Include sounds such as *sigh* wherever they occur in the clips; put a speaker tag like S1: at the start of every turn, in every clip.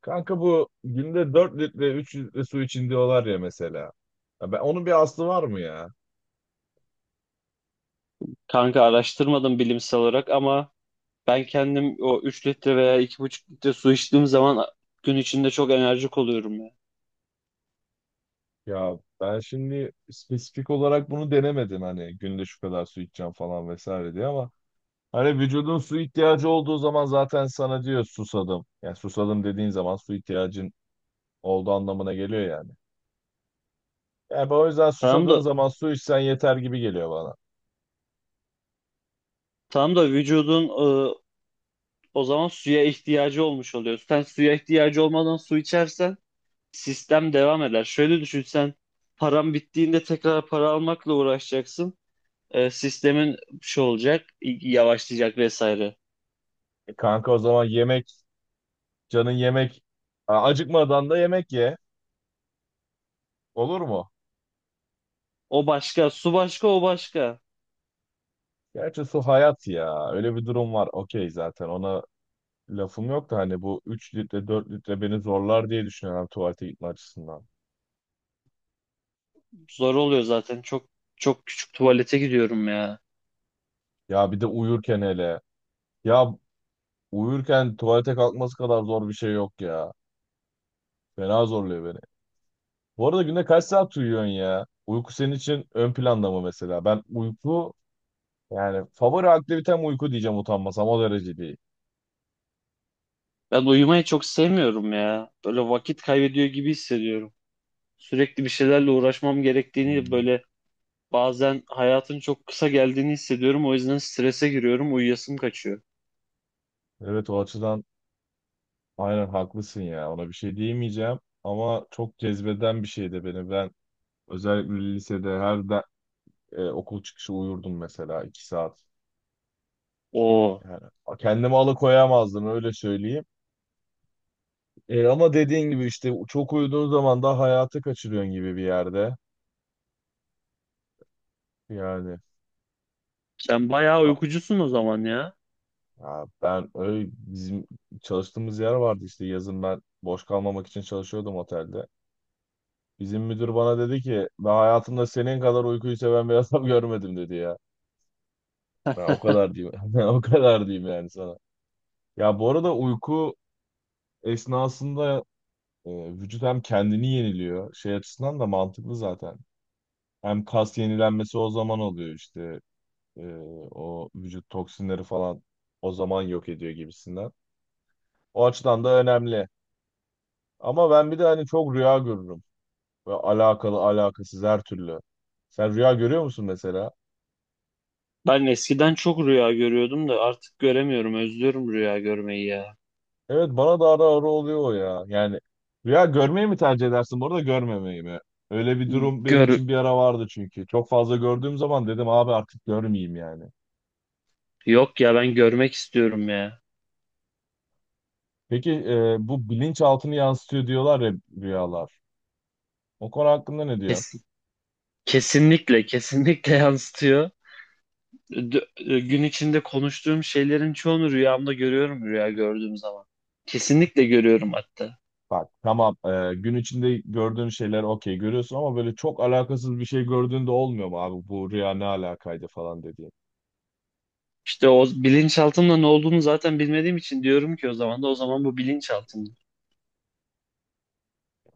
S1: Kanka bu günde 4 litre 3 litre su için diyorlar ya mesela. Ya ben, onun bir aslı var mı ya?
S2: Kanka araştırmadım bilimsel olarak ama ben kendim o 3 litre veya 2,5 litre su içtiğim zaman gün içinde çok enerjik oluyorum ya.
S1: Ya ben şimdi spesifik olarak bunu denemedim hani günde şu kadar su içeceğim falan vesaire diye ama hani vücudun su ihtiyacı olduğu zaman zaten sana diyor susadım. Yani susadım dediğin zaman su ihtiyacın olduğu anlamına geliyor yani. Yani ben o yüzden
S2: Tamam
S1: susadığın
S2: da
S1: zaman su içsen yeter gibi geliyor bana.
S2: tamam da vücudun, e, o zaman suya ihtiyacı olmuş oluyor. Sen suya ihtiyacı olmadan su içersen sistem devam eder. Şöyle düşün sen, paran bittiğinde tekrar para almakla uğraşacaksın. Sistemin şey olacak, yavaşlayacak vesaire.
S1: E kanka o zaman yemek, canın yemek, acıkmadan da yemek ye. Olur mu?
S2: O başka, su başka, o başka.
S1: Gerçi su hayat ya. Öyle bir durum var. Okey zaten ona lafım yok da hani bu 3 litre 4 litre beni zorlar diye düşünüyorum tuvalete gitme açısından.
S2: Zor oluyor zaten. Çok çok küçük tuvalete gidiyorum ya.
S1: Ya bir de uyurken hele. Ya uyurken tuvalete kalkması kadar zor bir şey yok ya. Fena zorluyor beni. Bu arada günde kaç saat uyuyorsun ya? Uyku senin için ön planda mı mesela? Ben uyku yani favori aktivitem uyku diyeceğim utanmasam o derece değil.
S2: Ben uyumayı çok sevmiyorum ya. Böyle vakit kaybediyor gibi hissediyorum. Sürekli bir şeylerle uğraşmam gerektiğini,
S1: Hmm.
S2: böyle bazen hayatın çok kısa geldiğini hissediyorum. O yüzden strese giriyorum, uyuyasım kaçıyor.
S1: Evet o açıdan aynen haklısın ya. Ona bir şey diyemeyeceğim. Ama çok cezbeden bir şey de beni. Ben özellikle lisede okul çıkışı uyurdum mesela iki saat.
S2: Oo,
S1: Yani kendimi alıkoyamazdım öyle söyleyeyim. Ama dediğin gibi işte çok uyuduğun zaman da hayatı kaçırıyorsun gibi bir yerde. Yani
S2: sen bayağı
S1: a-
S2: uykucusun o zaman ya.
S1: ya ben öyle bizim çalıştığımız yer vardı işte yazın ben boş kalmamak için çalışıyordum otelde. Bizim müdür bana dedi ki ben hayatımda senin kadar uykuyu seven bir *laughs* adam görmedim dedi ya. Ben o kadar diyeyim. *laughs* Ben o kadar diyeyim yani sana. Ya bu arada uyku esnasında Ee, vücut hem kendini yeniliyor. Şey açısından da mantıklı zaten. Hem kas yenilenmesi o zaman oluyor işte. Ee, O vücut toksinleri falan o zaman yok ediyor gibisinden. O açıdan da önemli. Ama ben bir de hani çok rüya görürüm. Ve alakalı alakasız her türlü. Sen rüya görüyor musun mesela?
S2: Ben eskiden çok rüya görüyordum da artık göremiyorum. Özlüyorum rüya görmeyi ya.
S1: Evet bana da ara ara oluyor o ya. Yani rüya görmeyi mi tercih edersin bu arada görmemeyi mi? Öyle bir durum benim
S2: Gör
S1: için bir ara vardı çünkü. Çok fazla gördüğüm zaman dedim abi artık görmeyeyim yani.
S2: Yok ya, ben görmek istiyorum ya.
S1: Peki bu bilinçaltını yansıtıyor diyorlar ya rüyalar. O konu hakkında ne diyorsun?
S2: Kesin, kesinlikle *laughs* yansıtıyor. Gün içinde konuştuğum şeylerin çoğunu rüyamda görüyorum, rüya gördüğüm zaman. Kesinlikle görüyorum hatta.
S1: Bak tamam, gün içinde gördüğün şeyler okey görüyorsun ama böyle çok alakasız bir şey gördüğünde olmuyor mu abi bu rüya ne alakaydı falan dediğin.
S2: İşte o bilinçaltımda ne olduğunu zaten bilmediğim için diyorum ki, o zaman bu bilinçaltım.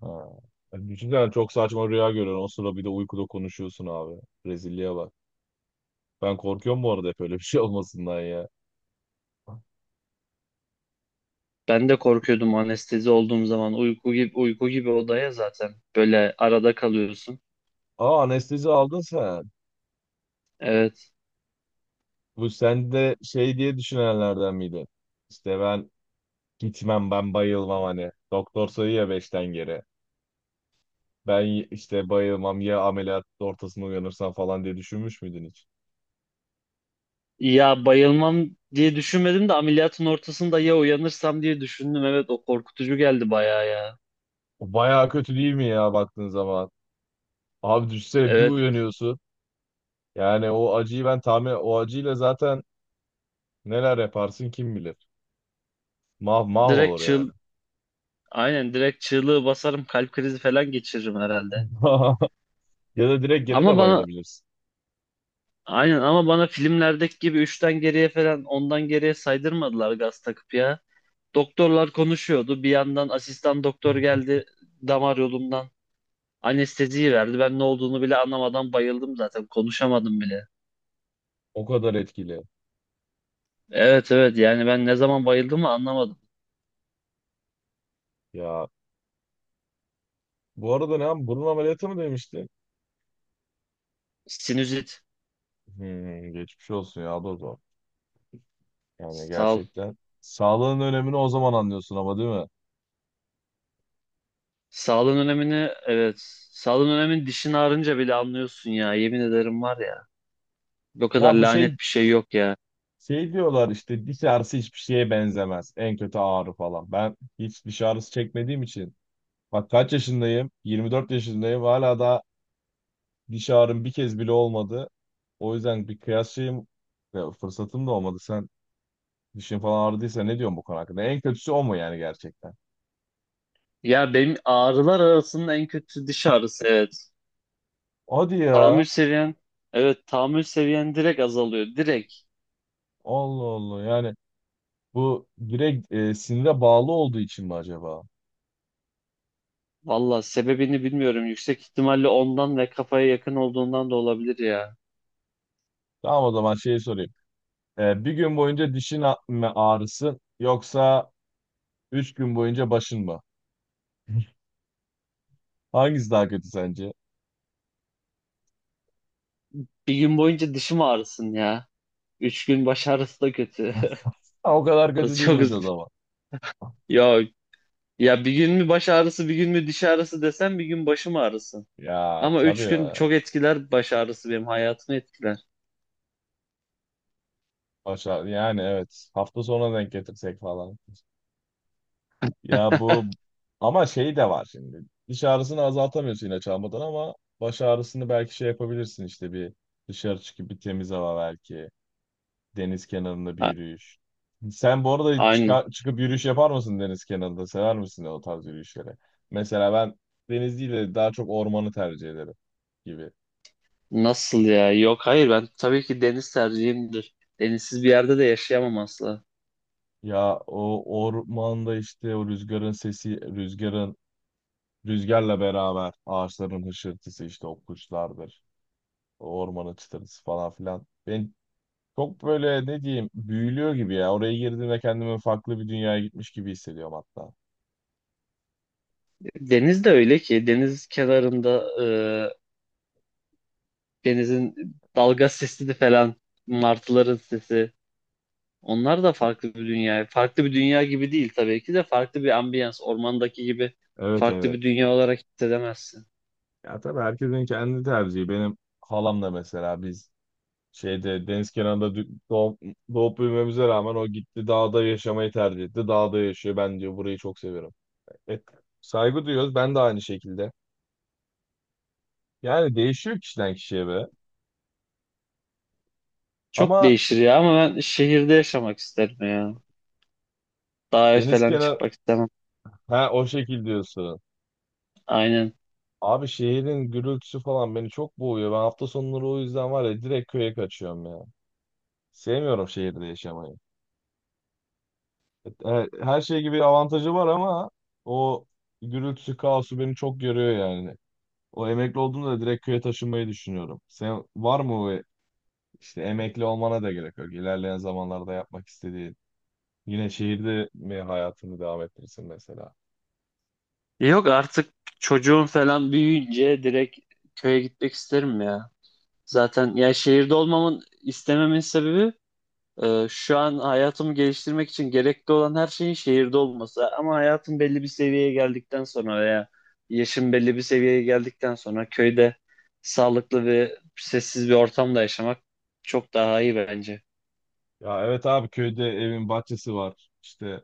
S1: Ha. Yani düşünsene çok saçma rüya görüyorsun o sırada bir de uykuda konuşuyorsun abi. Rezilliğe bak. Ben korkuyorum bu arada hep öyle bir şey olmasından ya.
S2: Ben de korkuyordum anestezi olduğum zaman, uyku gibi odaya zaten böyle arada kalıyorsun.
S1: Aa, anestezi aldın sen.
S2: Evet.
S1: Bu sen de şey diye düşünenlerden miydin? İşte ben gitmem ben bayılmam hani. Doktor sayıyor ya beşten geri. Ben işte bayılmam ya ameliyat ortasında uyanırsam falan diye düşünmüş müydün hiç?
S2: Ya bayılmam diye düşünmedim de ameliyatın ortasında ya uyanırsam diye düşündüm. Evet, o korkutucu geldi bayağı ya.
S1: O bayağı kötü değil mi ya baktığın zaman? Abi düşsene bir
S2: Evet,
S1: uyanıyorsun. Yani o acıyı ben tahmin... O acıyla zaten neler yaparsın kim bilir. Mah mah
S2: direkt
S1: olur
S2: çığ
S1: yani.
S2: aynen direkt çığlığı basarım, kalp krizi falan geçiririm herhalde.
S1: *laughs* Ya da direkt geri
S2: Ama
S1: de
S2: bana
S1: bayılabilirsin.
S2: aynen ama bana filmlerdeki gibi 3'ten geriye falan, ondan geriye saydırmadılar gaz takıp ya. Doktorlar konuşuyordu. Bir yandan asistan doktor geldi, damar yolumdan anesteziyi verdi. Ben ne olduğunu bile anlamadan bayıldım zaten. Konuşamadım bile.
S1: O kadar etkili.
S2: Evet, evet, yani ben ne zaman bayıldığımı anlamadım.
S1: Ya bu arada ne? Burun ameliyatı mı demiştin?
S2: Sinüzit.
S1: Hmm, geçmiş olsun ya. Dur, yani
S2: Sağ ol.
S1: gerçekten sağlığın önemini o zaman anlıyorsun ama değil mi?
S2: Sağlığın önemini, evet. Sağlığın önemini dişin ağrınca bile anlıyorsun ya. Yemin ederim var ya. O kadar
S1: Ya bu şey,
S2: lanet bir şey yok ya.
S1: şey diyorlar işte diş ağrısı hiçbir şeye benzemez. En kötü ağrı falan. Ben hiç diş ağrısı çekmediğim için bak kaç yaşındayım? 24 yaşındayım. Hala da diş ağrım bir kez bile olmadı. O yüzden bir kıyas şeyim, ya fırsatım da olmadı. Sen dişin falan ağrıdıysa ne diyorsun bu konu hakkında? En kötüsü o mu yani gerçekten?
S2: Ya benim ağrılar arasında en kötüsü diş ağrısı, evet.
S1: Hadi
S2: Tahammül
S1: ya.
S2: seviyen evet tahammül seviyen direkt azalıyor. Direkt.
S1: Allah Allah. Yani bu direkt, sinire bağlı olduğu için mi acaba?
S2: Valla sebebini bilmiyorum. Yüksek ihtimalle ondan ve kafaya yakın olduğundan da olabilir ya.
S1: Tamam o zaman şeyi sorayım. Bir gün boyunca dişin mi ağrısı yoksa üç gün boyunca başın mı? Hangisi daha kötü sence?
S2: Bir gün boyunca dişim ağrısın ya. Üç gün baş ağrısı da kötü.
S1: *laughs* Ha, o kadar
S2: *laughs*
S1: kötü
S2: Çok
S1: değilmiş o
S2: üz-
S1: zaman.
S2: ya ya Bir gün mü baş ağrısı, bir gün mü diş ağrısı desem, bir gün başım ağrısın.
S1: Ya
S2: Ama üç
S1: tabii
S2: gün
S1: ya.
S2: çok etkiler, baş ağrısı benim hayatımı etkiler.
S1: Aşağı, yani evet. Hafta sonuna denk getirsek falan. Ya bu ama şey de var şimdi. Diş ağrısını azaltamıyorsun ilaç almadan ama baş ağrısını belki şey yapabilirsin işte bir dışarı çıkıp bir temiz hava belki. Deniz kenarında bir
S2: A-
S1: yürüyüş. Sen bu arada
S2: Aynen.
S1: çıkıp yürüyüş yapar mısın deniz kenarında? Sever misin o tarz yürüyüşleri? Mesela ben deniz değil de daha çok ormanı tercih ederim gibi.
S2: Nasıl ya? Yok, hayır, ben tabii ki deniz tercihimdir. Denizsiz bir yerde de yaşayamam asla.
S1: Ya o ormanda işte o rüzgarın sesi, rüzgarla beraber ağaçların hışırtısı işte o kuşlardır. O ormanın çıtırtısı falan filan. Beni çok böyle ne diyeyim büyülüyor gibi ya. Oraya girdiğimde kendimi farklı bir dünyaya gitmiş gibi hissediyorum hatta.
S2: Deniz de öyle ki, deniz kenarında, denizin dalga sesi de falan, martıların sesi. Onlar da farklı bir dünya. Farklı bir dünya gibi değil tabii ki de, farklı bir ambiyans. Ormandaki gibi
S1: Evet,
S2: farklı
S1: evet.
S2: bir dünya olarak hissedemezsin.
S1: Ya tabii herkesin kendi tercihi. Benim halamla mesela biz şeyde deniz kenarında doğup, doğup büyümemize rağmen o gitti dağda yaşamayı tercih etti. Dağda yaşıyor. Ben diyor burayı çok seviyorum. Evet, saygı duyuyoruz. Ben de aynı şekilde. Yani değişiyor kişiden kişiye be.
S2: Çok
S1: Ama
S2: değişir ya ama ben şehirde yaşamak isterim ya. Dağa
S1: deniz
S2: falan
S1: kenarı,
S2: çıkmak istemem.
S1: ha o şekil diyorsun.
S2: Aynen.
S1: Abi şehrin gürültüsü falan beni çok boğuyor. Ben hafta sonları o yüzden var ya direkt köye kaçıyorum ya. Sevmiyorum şehirde yaşamayı. Her şey gibi avantajı var ama o gürültüsü, kaosu beni çok görüyor yani. O emekli olduğumda da direkt köye taşınmayı düşünüyorum. Sen var mı o işte emekli olmana da gerek yok. İlerleyen zamanlarda yapmak istediğin. Yine şehirde mi hayatını devam ettirirsin mesela?
S2: Yok artık, çocuğum falan büyüyünce direkt köye gitmek isterim ya. Zaten ya şehirde olmamın, istememin sebebi, şu an hayatımı geliştirmek için gerekli olan her şeyin şehirde olması. Ama hayatım belli bir seviyeye geldikten sonra veya yaşım belli bir seviyeye geldikten sonra, köyde sağlıklı ve sessiz bir ortamda yaşamak çok daha iyi bence.
S1: Ya evet abi köyde evin bahçesi var. İşte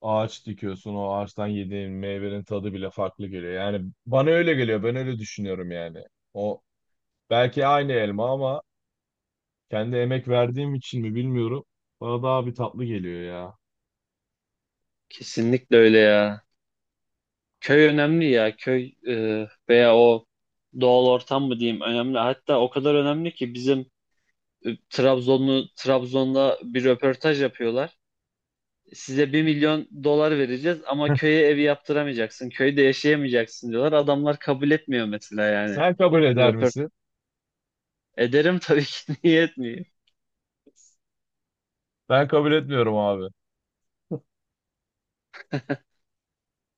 S1: ağaç dikiyorsun o ağaçtan yediğin meyvenin tadı bile farklı geliyor. Yani bana öyle geliyor ben öyle düşünüyorum yani. O belki aynı elma ama kendi emek verdiğim için mi bilmiyorum. Bana daha bir tatlı geliyor ya.
S2: Kesinlikle öyle ya. Köy önemli ya. Köy, veya o doğal ortam mı diyeyim, önemli. Hatta o kadar önemli ki bizim, e, Trabzonlu Trabzon'da bir röportaj yapıyorlar. Size 1 milyon dolar vereceğiz ama köye evi yaptıramayacaksın, köyde yaşayamayacaksın diyorlar. Adamlar kabul etmiyor mesela yani.
S1: Sen kabul
S2: Bu
S1: eder
S2: röportaj
S1: misin?
S2: Ederim tabii ki *laughs* niye etmiyor.
S1: Ben kabul etmiyorum abi.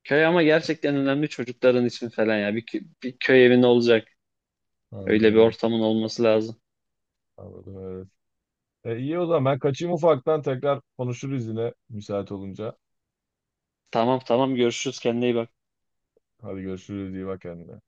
S2: Köy ama gerçekten önemli, çocukların için falan ya. Bir köy evin olacak. Öyle bir
S1: Anladım.
S2: ortamın olması lazım.
S1: Anladım evet. İyi o zaman ben kaçayım ufaktan tekrar konuşuruz yine müsait olunca.
S2: Tamam, tamam, görüşürüz, kendine iyi bak.
S1: Hadi görüşürüz iyi bak kendine.